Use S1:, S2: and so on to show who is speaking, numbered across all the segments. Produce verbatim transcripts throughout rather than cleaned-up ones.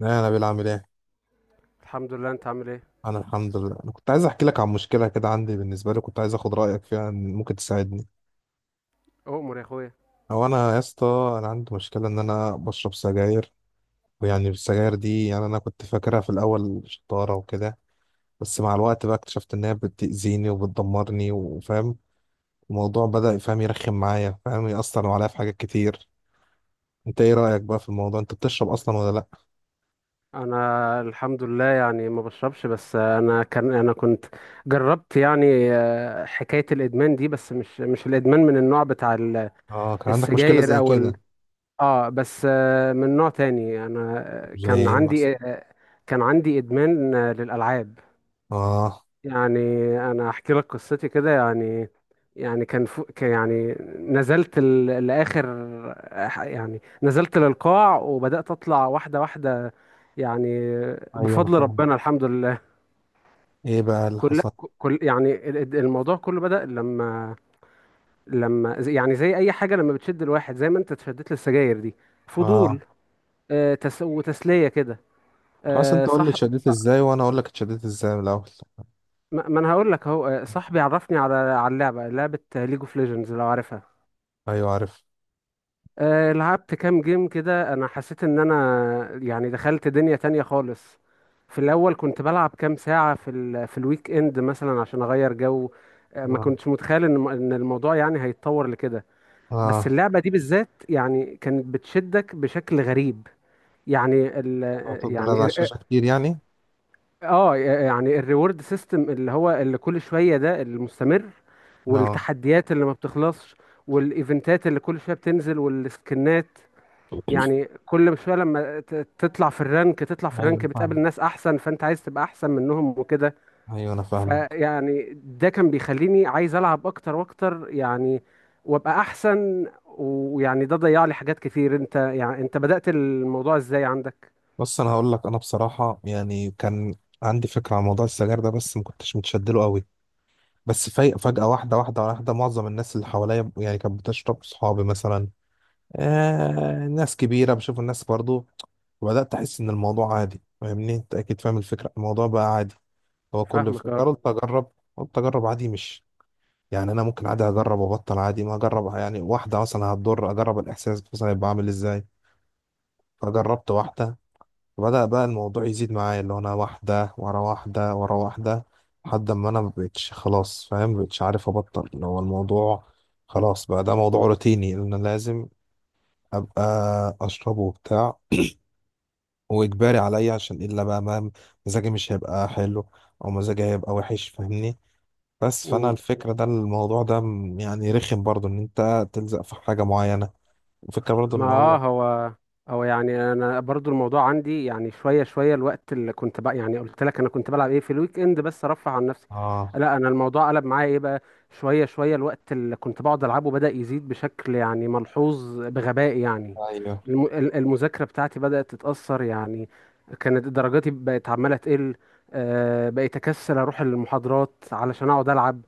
S1: لا، انا بيلعب ايه.
S2: الحمد لله، انت عامل ايه؟
S1: انا الحمد لله، انا كنت عايز احكي لك عن مشكله كده عندي بالنسبه لي. كنت عايز اخد رايك فيها إن ممكن تساعدني.
S2: اؤمر يا اخويا.
S1: او انا يا اسطى. انا عندي مشكله ان انا بشرب سجاير. ويعني السجاير دي، يعني انا كنت فاكرها في الاول شطاره وكده. بس مع الوقت بقى اكتشفت ان هي بتاذيني وبتدمرني، وفاهم الموضوع بدا فاهم يرخم معايا، فاهم ياثر عليا في حاجات كتير. انت ايه رايك بقى في الموضوع؟ انت بتشرب اصلا ولا لا؟
S2: انا الحمد لله يعني ما بشربش، بس انا كان انا كنت جربت يعني آه، حكاية الادمان دي، بس مش مش الادمان من النوع بتاع ال-
S1: اه، كان عندك مشكله
S2: السجاير
S1: زي
S2: او ال...
S1: كده.
S2: اه بس آه، من نوع تاني. انا آه،
S1: زي
S2: كان
S1: ايه مثلا؟
S2: عندي آه، كان عندي ادمان آه، للالعاب.
S1: اه،
S2: يعني انا احكي لك قصتي كده يعني. يعني كان فو... كان يعني نزلت ال... لاخر، يعني نزلت للقاع وبدات اطلع واحده واحده، يعني
S1: ايوه، انا
S2: بفضل
S1: فاهم.
S2: ربنا الحمد لله.
S1: ايه بقى اللي
S2: كل
S1: حصل؟
S2: كل يعني ال- ال- الموضوع كله بدأ لما لما زي- يعني زي اي حاجه لما بتشد الواحد، زي ما انت اتشدت للسجاير دي، فضول
S1: اه،
S2: آه، تس... وتسليه كده.
S1: خلاص، انت
S2: آه،
S1: قول لي
S2: صح
S1: اتشددت
S2: صح.
S1: ازاي وانا اقول لك اتشددت ازاي من الاول.
S2: ما ما انا هقول لك اهو. آه، صاحبي عرفني على على اللعبه، لعبه ليج اوف ليجندز لو عارفها.
S1: ايوه عارف.
S2: آه، لعبت كام جيم كده، انا حسيت ان انا يعني دخلت دنيا تانية خالص. في الاول كنت بلعب كام ساعة في ال في الويك اند مثلا عشان اغير جو. آه، ما
S1: اه.
S2: كنتش متخيل ان ان الموضوع يعني هيتطور لكده. بس
S1: اه.
S2: اللعبة دي بالذات يعني كانت بتشدك بشكل غريب. يعني ال
S1: هتفضل
S2: يعني
S1: على
S2: ال-
S1: الشاشه كتير يعني.
S2: اه يعني الريورد سيستم اللي هو اللي كل شوية ده المستمر،
S1: اه،
S2: والتحديات اللي ما بتخلصش، والايفنتات اللي كل شوية بتنزل والسكنات. يعني كل شويه لما ت- تطلع في الرانك، تطلع في
S1: ايوه،
S2: الرانك
S1: انا
S2: بتقابل
S1: فاهمك.
S2: ناس احسن، فانت عايز تبقى احسن منهم وكده.
S1: ايوه، انا فاهمك.
S2: فيعني ده كان بيخليني عايز العب اكتر واكتر يعني، وابقى احسن، ويعني ده ضيع لي حاجات كتير. انت يعني انت بدأت الموضوع ازاي عندك؟
S1: بص، انا هقول لك. انا بصراحه يعني كان عندي فكره عن موضوع السجاير ده، بس ما كنتش متشدله قوي. بس في- فجاه، واحده واحده واحده. معظم الناس اللي حواليا يعني كانت بتشرب، صحابي مثلا، آه ناس كبيره، بشوف الناس برضو. وبدات احس ان الموضوع عادي، فاهمني؟ انت اكيد فاهم الفكره، الموضوع بقى عادي. هو كل
S2: فاهمك.
S1: فكره قلت اجرب. قلت اجرب عادي، مش يعني انا ممكن عادي اجرب وابطل عادي ما اجرب. يعني واحده مثلا هتضر، اجرب الاحساس مثلا يبقى عامل ازاي. فجربت واحده. فبدا بقى الموضوع يزيد معايا، اللي هو انا واحده ورا واحده ورا واحده، لحد ما انا مبقتش خلاص فاهم، مبقتش عارف ابطل. اللي هو الموضوع خلاص بقى ده موضوع روتيني، ان انا لازم ابقى اشربه وبتاع، واجباري عليا، عشان الا بقى ما مزاجي مش هيبقى حلو، او مزاجي هيبقى وحش، فاهمني؟ بس فانا
S2: اه،
S1: الفكره ده، الموضوع ده م- يعني رخم برضو ان انت تلزق في حاجه معينه. وفكره برضو
S2: ما
S1: ان
S2: اه
S1: هو.
S2: هو هو يعني انا برضو الموضوع عندي يعني شويه شويه. الوقت اللي كنت بقى يعني قلت لك انا كنت بلعب ايه في الويك اند بس ارفه عن نفسي،
S1: اه.
S2: لا انا الموضوع قلب معايا ايه بقى. شويه شويه الوقت اللي كنت بقعد العبه بدأ يزيد بشكل يعني ملحوظ بغباء يعني.
S1: ايوه.
S2: الم- ال- المذاكره بتاعتي بدأت تتأثر يعني، كانت درجاتي بقت عماله تقل. آه، بقيت اكسل اروح المحاضرات علشان اقعد العب.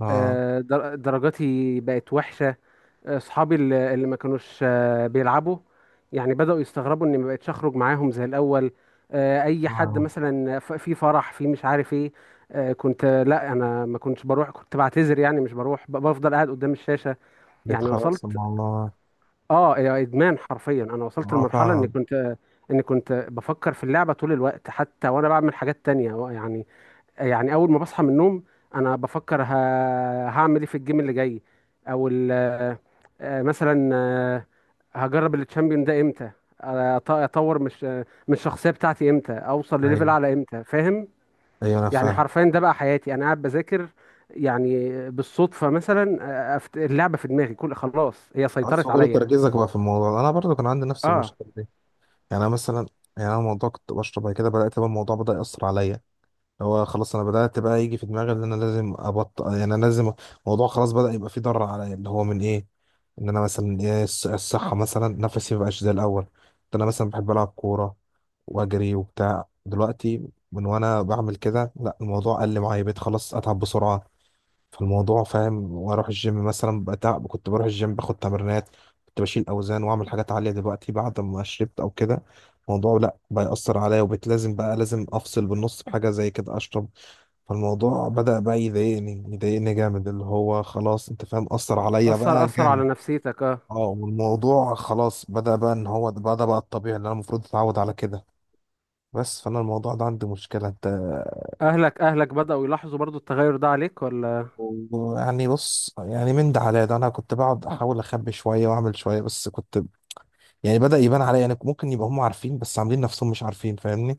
S1: اه.
S2: آه، در- درجاتي بقت وحشه. اصحابي اللي اللي ما كانوش آه، بيلعبوا يعني بدأوا يستغربوا اني ما بقتش اخرج معاهم زي الاول. آه، اي حد
S1: اه.
S2: مثلا ف- في فرح، في مش عارف ايه، آه، كنت آه، لا، انا ما كنتش بروح، كنت بعتذر يعني مش بروح، ب- بفضل قاعد قدام الشاشة. يعني
S1: بيتخلص
S2: وصلت،
S1: من الله.
S2: اه يا ادمان حرفيا، انا وصلت
S1: اه
S2: لمرحلة اني
S1: فعلا.
S2: كنت آه، اني كنت بفكر في اللعبة طول الوقت، حتى وانا بعمل حاجات تانية يعني. يعني اول ما بصحى من النوم انا بفكر ه... هعمل ايه في الجيم اللي جاي؟ او ال... آه، مثلا آه، هجرب التشامبيون ده امتى؟ آه، أط- اطور مش آه، من الشخصيه بتاعتي امتى؟ اوصل لليفل
S1: ايوه،
S2: اعلى امتى؟ فاهم؟
S1: ايوه، انا
S2: يعني
S1: فاهم.
S2: حرفيا ده بقى حياتي، انا قاعد بذاكر يعني بالصدفه مثلا، آه، أفت- اللعبه في دماغي، كل خلاص هي سيطرت
S1: اصل كل
S2: عليا.
S1: تركيزك بقى في الموضوع ده. انا برضو كان عندي نفس
S2: اه،
S1: المشكله دي. يعني أنا مثلا، يعني انا الموضوع كنت بشرب، بعد كده بدات بقى الموضوع بدا ياثر عليا. هو خلاص انا بدأت بقى يجي في دماغي ان انا لازم ابطل، يعني انا لازم. الموضوع خلاص بدأ يبقى فيه ضرر عليا، اللي هو من ايه؟ ان انا مثلا ايه، الص- الصحة مثلا، نفسي مبقاش زي الاول. كنت انا مثلا بحب العب كورة واجري وبتاع، دلوقتي من وانا بعمل كده، لا، الموضوع قل معايا، بقيت خلاص اتعب بسرعة. فالموضوع فاهم. واروح الجيم مثلا بتعب، كنت بروح الجيم باخد تمرينات، كنت بشيل اوزان واعمل حاجات عالية، دلوقتي بعد ما شربت او كده الموضوع لا بيأثر عليا، وبقيت لازم بقى لازم افصل بالنص بحاجة زي كده اشرب. فالموضوع بدأ بقى يضايقني، يضايقني جامد، اللي هو خلاص انت فاهم، أثر عليا
S2: اثر
S1: بقى
S2: اثر على
S1: جامد.
S2: نفسيتك اه.
S1: اه، والموضوع خلاص بدأ بقى ان هو ده- بدأ بقى الطبيعي اللي انا المفروض اتعود على كده. بس فانا الموضوع ده عندي مشكلة انت.
S2: اهلك اهلك بداوا يلاحظوا برضو التغير ده عليك ولا؟
S1: يعني بص، يعني من ده على ده انا كنت بقعد احاول اخبي شوية واعمل شوية، بس كنت يعني بدأ يبان عليا، يعني ممكن يبقى هم عارفين بس عاملين نفسهم مش عارفين، فاهمني؟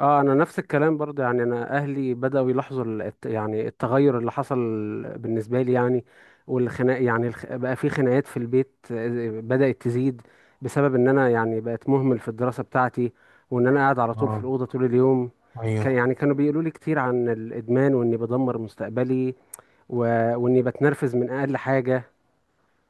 S2: اه، انا نفس الكلام برضه. يعني انا اهلي بداوا يلاحظوا ال- الت- يعني التغير اللي حصل بالنسبه لي يعني. والخناق يعني الخ- بقى في خناقات في البيت آه، بدات تزيد، بسبب ان انا يعني بقت مهمل في الدراسه بتاعتي، وان انا قاعد على طول في
S1: اه.
S2: الاوضه طول اليوم. كان
S1: ايوه.
S2: يعني كانوا بيقولوا لي كتير عن الادمان، واني بدمر مستقبلي، و... واني بتنرفز من اقل حاجه،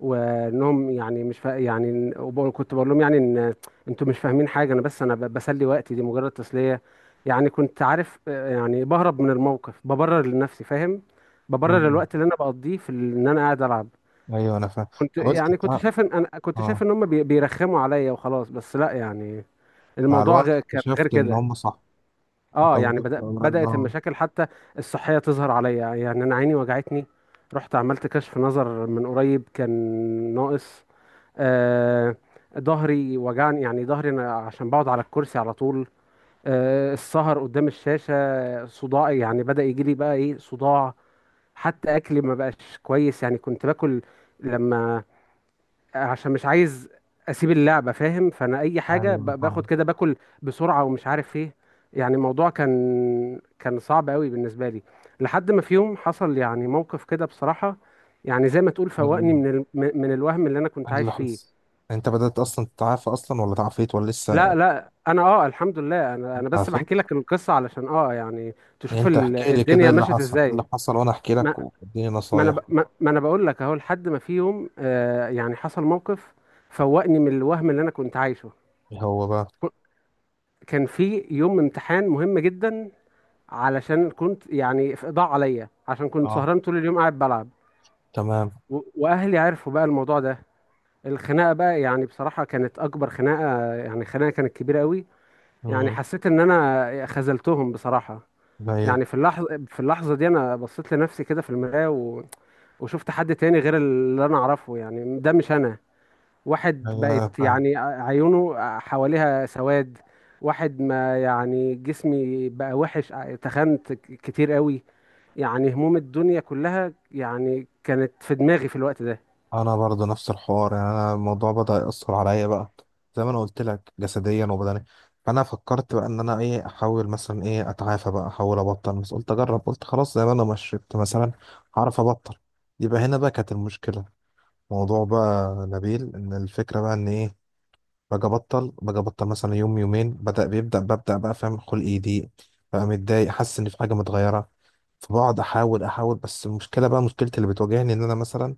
S2: وانهم يعني مش فا... يعني إن- وب- كنت بقول لهم يعني ان انتوا مش فاهمين حاجه، انا بس انا ب- بسلي وقتي، دي مجرد تسليه. يعني كنت عارف آه، يعني بهرب من الموقف، ببرر لنفسي فاهم، ببرر
S1: مم.
S2: الوقت اللي انا بقضيه في ال- ان انا قاعد العب.
S1: ايوه انا فاهم.
S2: كنت
S1: حاولت
S2: يعني
S1: أتع-
S2: كنت
S1: اه.
S2: شايف ان انا كنت شايف
S1: آه.
S2: ان هم بي- بيرخموا عليا وخلاص، بس لا يعني
S1: مع
S2: الموضوع
S1: الوقت
S2: غ- كان غير
S1: اكتشفت ان
S2: كده.
S1: هم صح. انت
S2: اه، يعني
S1: الموضوع-
S2: بدأ بدأت
S1: اه.
S2: المشاكل حتى الصحيه تظهر عليا. يعني انا عيني وجعتني، رحت عملت كشف نظر، من قريب كان ناقص. آه، ظهري وجعني، يعني ظهري انا عشان بقعد على الكرسي على طول. آه، السهر قدام الشاشة، صداعي يعني بدأ يجي لي، بقى ايه، صداع. حتى اكلي ما بقاش كويس، يعني كنت باكل لما عشان مش عايز اسيب اللعبة فاهم، فانا اي حاجة ب-
S1: ايوه
S2: باخد
S1: فاهم.
S2: كده، باكل بسرعة ومش عارف ايه. يعني الموضوع كان كان صعب قوي بالنسبة لي، لحد ما في يوم حصل يعني موقف كده بصراحة، يعني زي ما تقول فوقني
S1: ال-
S2: من ال... من الوهم اللي انا كنت
S1: اللي
S2: عايش فيه.
S1: حصل. انت بدأت اصلا تتعافى اصلا، ولا تعافيت، ولا
S2: لا
S1: لسه؟
S2: لا، انا اه الحمد لله، انا انا بس بحكي
S1: تعافيت.
S2: لك القصه علشان اه يعني
S1: يعني
S2: تشوف
S1: انت
S2: ال-
S1: احكي لي كده
S2: الدنيا
S1: ايه اللي
S2: مشت
S1: حصل، ايه
S2: ازاي.
S1: اللي حصل، وانا احكي
S2: ما
S1: لك واديني
S2: ما انا ب-
S1: نصايح.
S2: ما, ما انا بقول لك اهو، لحد ما في يوم آه يعني حصل موقف فوقني من الوهم اللي انا كنت عايشه.
S1: ايه هو بقى؟
S2: ك- كان في يوم امتحان مهم جدا، علشان كنت يعني ف- ضاع عليا عشان كنت
S1: اه.
S2: سهران طول اليوم قاعد بلعب.
S1: تمام.
S2: و- واهلي عرفوا بقى الموضوع ده. الخناقه بقى يعني بصراحه كانت اكبر خناقه، يعني خناقه كانت كبيره قوي. يعني
S1: امم
S2: حسيت ان انا خذلتهم بصراحه.
S1: ايوه.
S2: يعني في اللحظة في اللحظة دي أنا بصيت لنفسي كده في المراية، و... وشفت حد تاني غير اللي أنا أعرفه، يعني ده مش أنا. واحد
S1: ايوه
S2: بقت
S1: فاهم.
S2: يعني عيونه حواليها سواد، واحد ما يعني جسمي بقى وحش، تخنت ك- كتير قوي، يعني هموم الدنيا كلها يعني كانت في دماغي في الوقت ده.
S1: انا برضو نفس الحوار، يعني انا الموضوع بدأ يأثر عليا بقى، زي ما انا قلت لك، جسديا وبدنيا. فانا فكرت بقى ان انا ايه، احاول مثلا ايه اتعافى بقى، احاول ابطل. بس قلت اجرب، قلت خلاص زي ما انا ما شربت مثلا، هعرف ابطل. يبقى هنا بقى كانت المشكلة. موضوع بقى نبيل، ان الفكره بقى ان ايه، باجي ابطل، باجي ابطل مثلا يوم يومين، بدا بيبدا ببدا بقى فاهم خلقي يضيق، بقى متضايق، حاسس ان في حاجه متغيره. فبقعد احاول، احاول، بس المشكله بقى، مشكلتي اللي بتواجهني، ان انا مثلا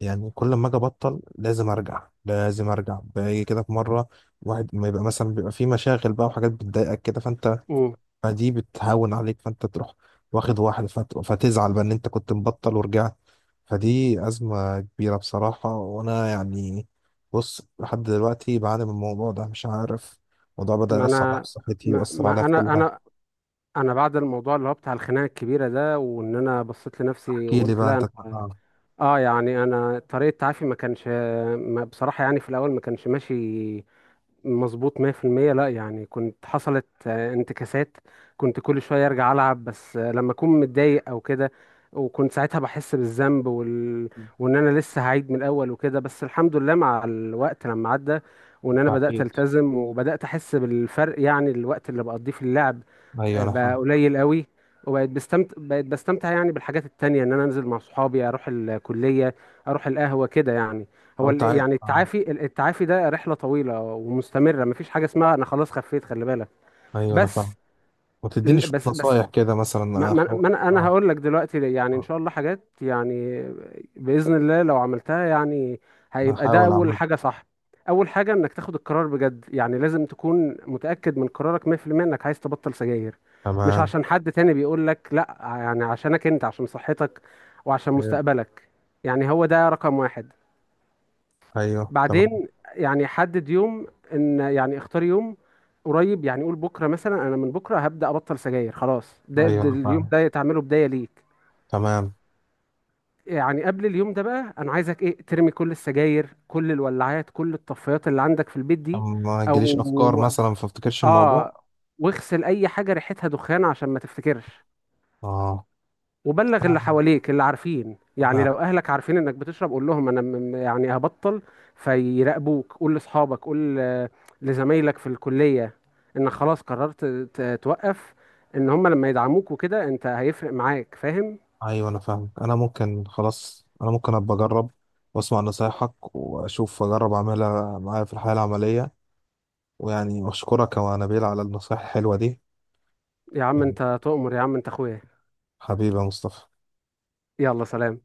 S1: يعني كل ما اجي ابطل لازم ارجع، لازم ارجع، باجي كده في مره واحد ما يبقى مثلا بيبقى في مشاغل بقى وحاجات بتضايقك كده فانت،
S2: مم.
S1: فدي بتهون عليك فانت تروح واخد واحد، فت- فتزعل بقى ان انت كنت مبطل ورجعت. فدي أزمة كبيرة بصراحة. وأنا يعني، بص، لحد دلوقتي بعاني من الموضوع ده، مش عارف. الموضوع بدأ
S2: ما
S1: يأثر عليا
S2: أنا
S1: في صحتي،
S2: ما...
S1: ويأثر عليا
S2: ما
S1: في كل
S2: أنا
S1: حاجة.
S2: أنا، أنا بعد الموضوع اللي هو بتاع الخناقة الكبيرة ده، وإن أنا بصيت لنفسي
S1: احكي لي
S2: وقلت
S1: بقى
S2: لا.
S1: أنت.
S2: أنا
S1: آه.
S2: اه يعني انا طريقه تعافي ما كانش، ما بصراحه يعني في الاول ما كانش ماشي مظبوط مية في المية. لا يعني كنت حصلت آه، انتكاسات، كنت كل شوية ارجع العب بس آه، لما اكون متضايق او كده، وكنت ساعتها بحس بالذنب وال... وان انا لسه هعيد من الاول وكده. بس الحمد لله مع الوقت لما عدى، وان انا بدأت
S1: بحكيت.
S2: التزم وبدأت احس بالفرق، يعني الوقت اللي بقضيه في اللعب
S1: أيوه
S2: آه،
S1: أنا
S2: بقى
S1: فاهم.
S2: قليل قوي. وبقيت بستمتع، بقيت بستمتع يعني بالحاجات التانية، ان انا انزل مع صحابي، اروح الكلية، اروح القهوة كده يعني.
S1: لو
S2: هو
S1: أنت
S2: ال-
S1: عايز.
S2: يعني
S1: آه.
S2: التعافي، التعافي ده رحلة طويلة ومستمرة، مفيش حاجة اسمها انا خلاص خفيت، خلي بالك.
S1: أيوه أنا فاهم.
S2: بس ال-
S1: وتديني شوية
S2: بس بس
S1: نصايح كده
S2: ما
S1: مثلا،
S2: ما
S1: أحاول.
S2: ما انا أنا
S1: آه.
S2: هقول لك دلوقتي ليه. يعني ان
S1: آه.
S2: شاء الله حاجات يعني بإذن الله لو عملتها يعني هيبقى ده
S1: أحاول
S2: اول
S1: أعمل.
S2: حاجة. صح، اول حاجة انك تاخد القرار بجد، يعني لازم تكون متأكد من قرارك مية في المية انك عايز تبطل سجاير، مش
S1: تمام.
S2: عشان حد تاني بيقول لك لا، يعني عشانك انت، عشان صحتك وعشان
S1: إيه.
S2: مستقبلك. يعني هو ده رقم واحد.
S1: أيوه تمام.
S2: بعدين، يعني حدد يوم، ان يعني اختار يوم قريب، يعني قول بكره مثلا، انا من بكره هبدا ابطل سجاير خلاص، ده,
S1: أيوه
S2: ده
S1: أنا
S2: اليوم
S1: فاهم.
S2: ده تعمله بدايه ليك.
S1: تمام،
S2: يعني قبل اليوم ده بقى، انا عايزك ايه، ترمي كل السجاير، كل الولاعات، كل الطفايات اللي عندك في البيت دي،
S1: عشان ما تجيليش أفكار
S2: او
S1: مثلا فافتكرش الموضوع.
S2: اه واغسل اي حاجه ريحتها دخان عشان ما تفتكرش.
S1: آه.
S2: وبلغ اللي
S1: تمام.
S2: حواليك اللي عارفين، يعني
S1: أنا.
S2: لو اهلك عارفين انك بتشرب قول لهم انا م- م- يعني هبطل، فيراقبوك. قول لاصحابك، قول آه، لزمايلك في الكلية، انك خلاص قررت ت- توقف، ان هم لما يدعموك وكده انت هيفرق معاك فاهم.
S1: ايوه انا فاهمك، انا ممكن خلاص، انا ممكن ابقى اجرب واسمع نصايحك واشوف، اجرب اعملها معايا في الحياه العمليه. ويعني اشكرك يا نبيل على النصايح الحلوه دي.
S2: يا عم
S1: يعني
S2: انت تؤمر، يا عم انت اخويا.
S1: حبيبي يا مصطفى.
S2: يلا سلام.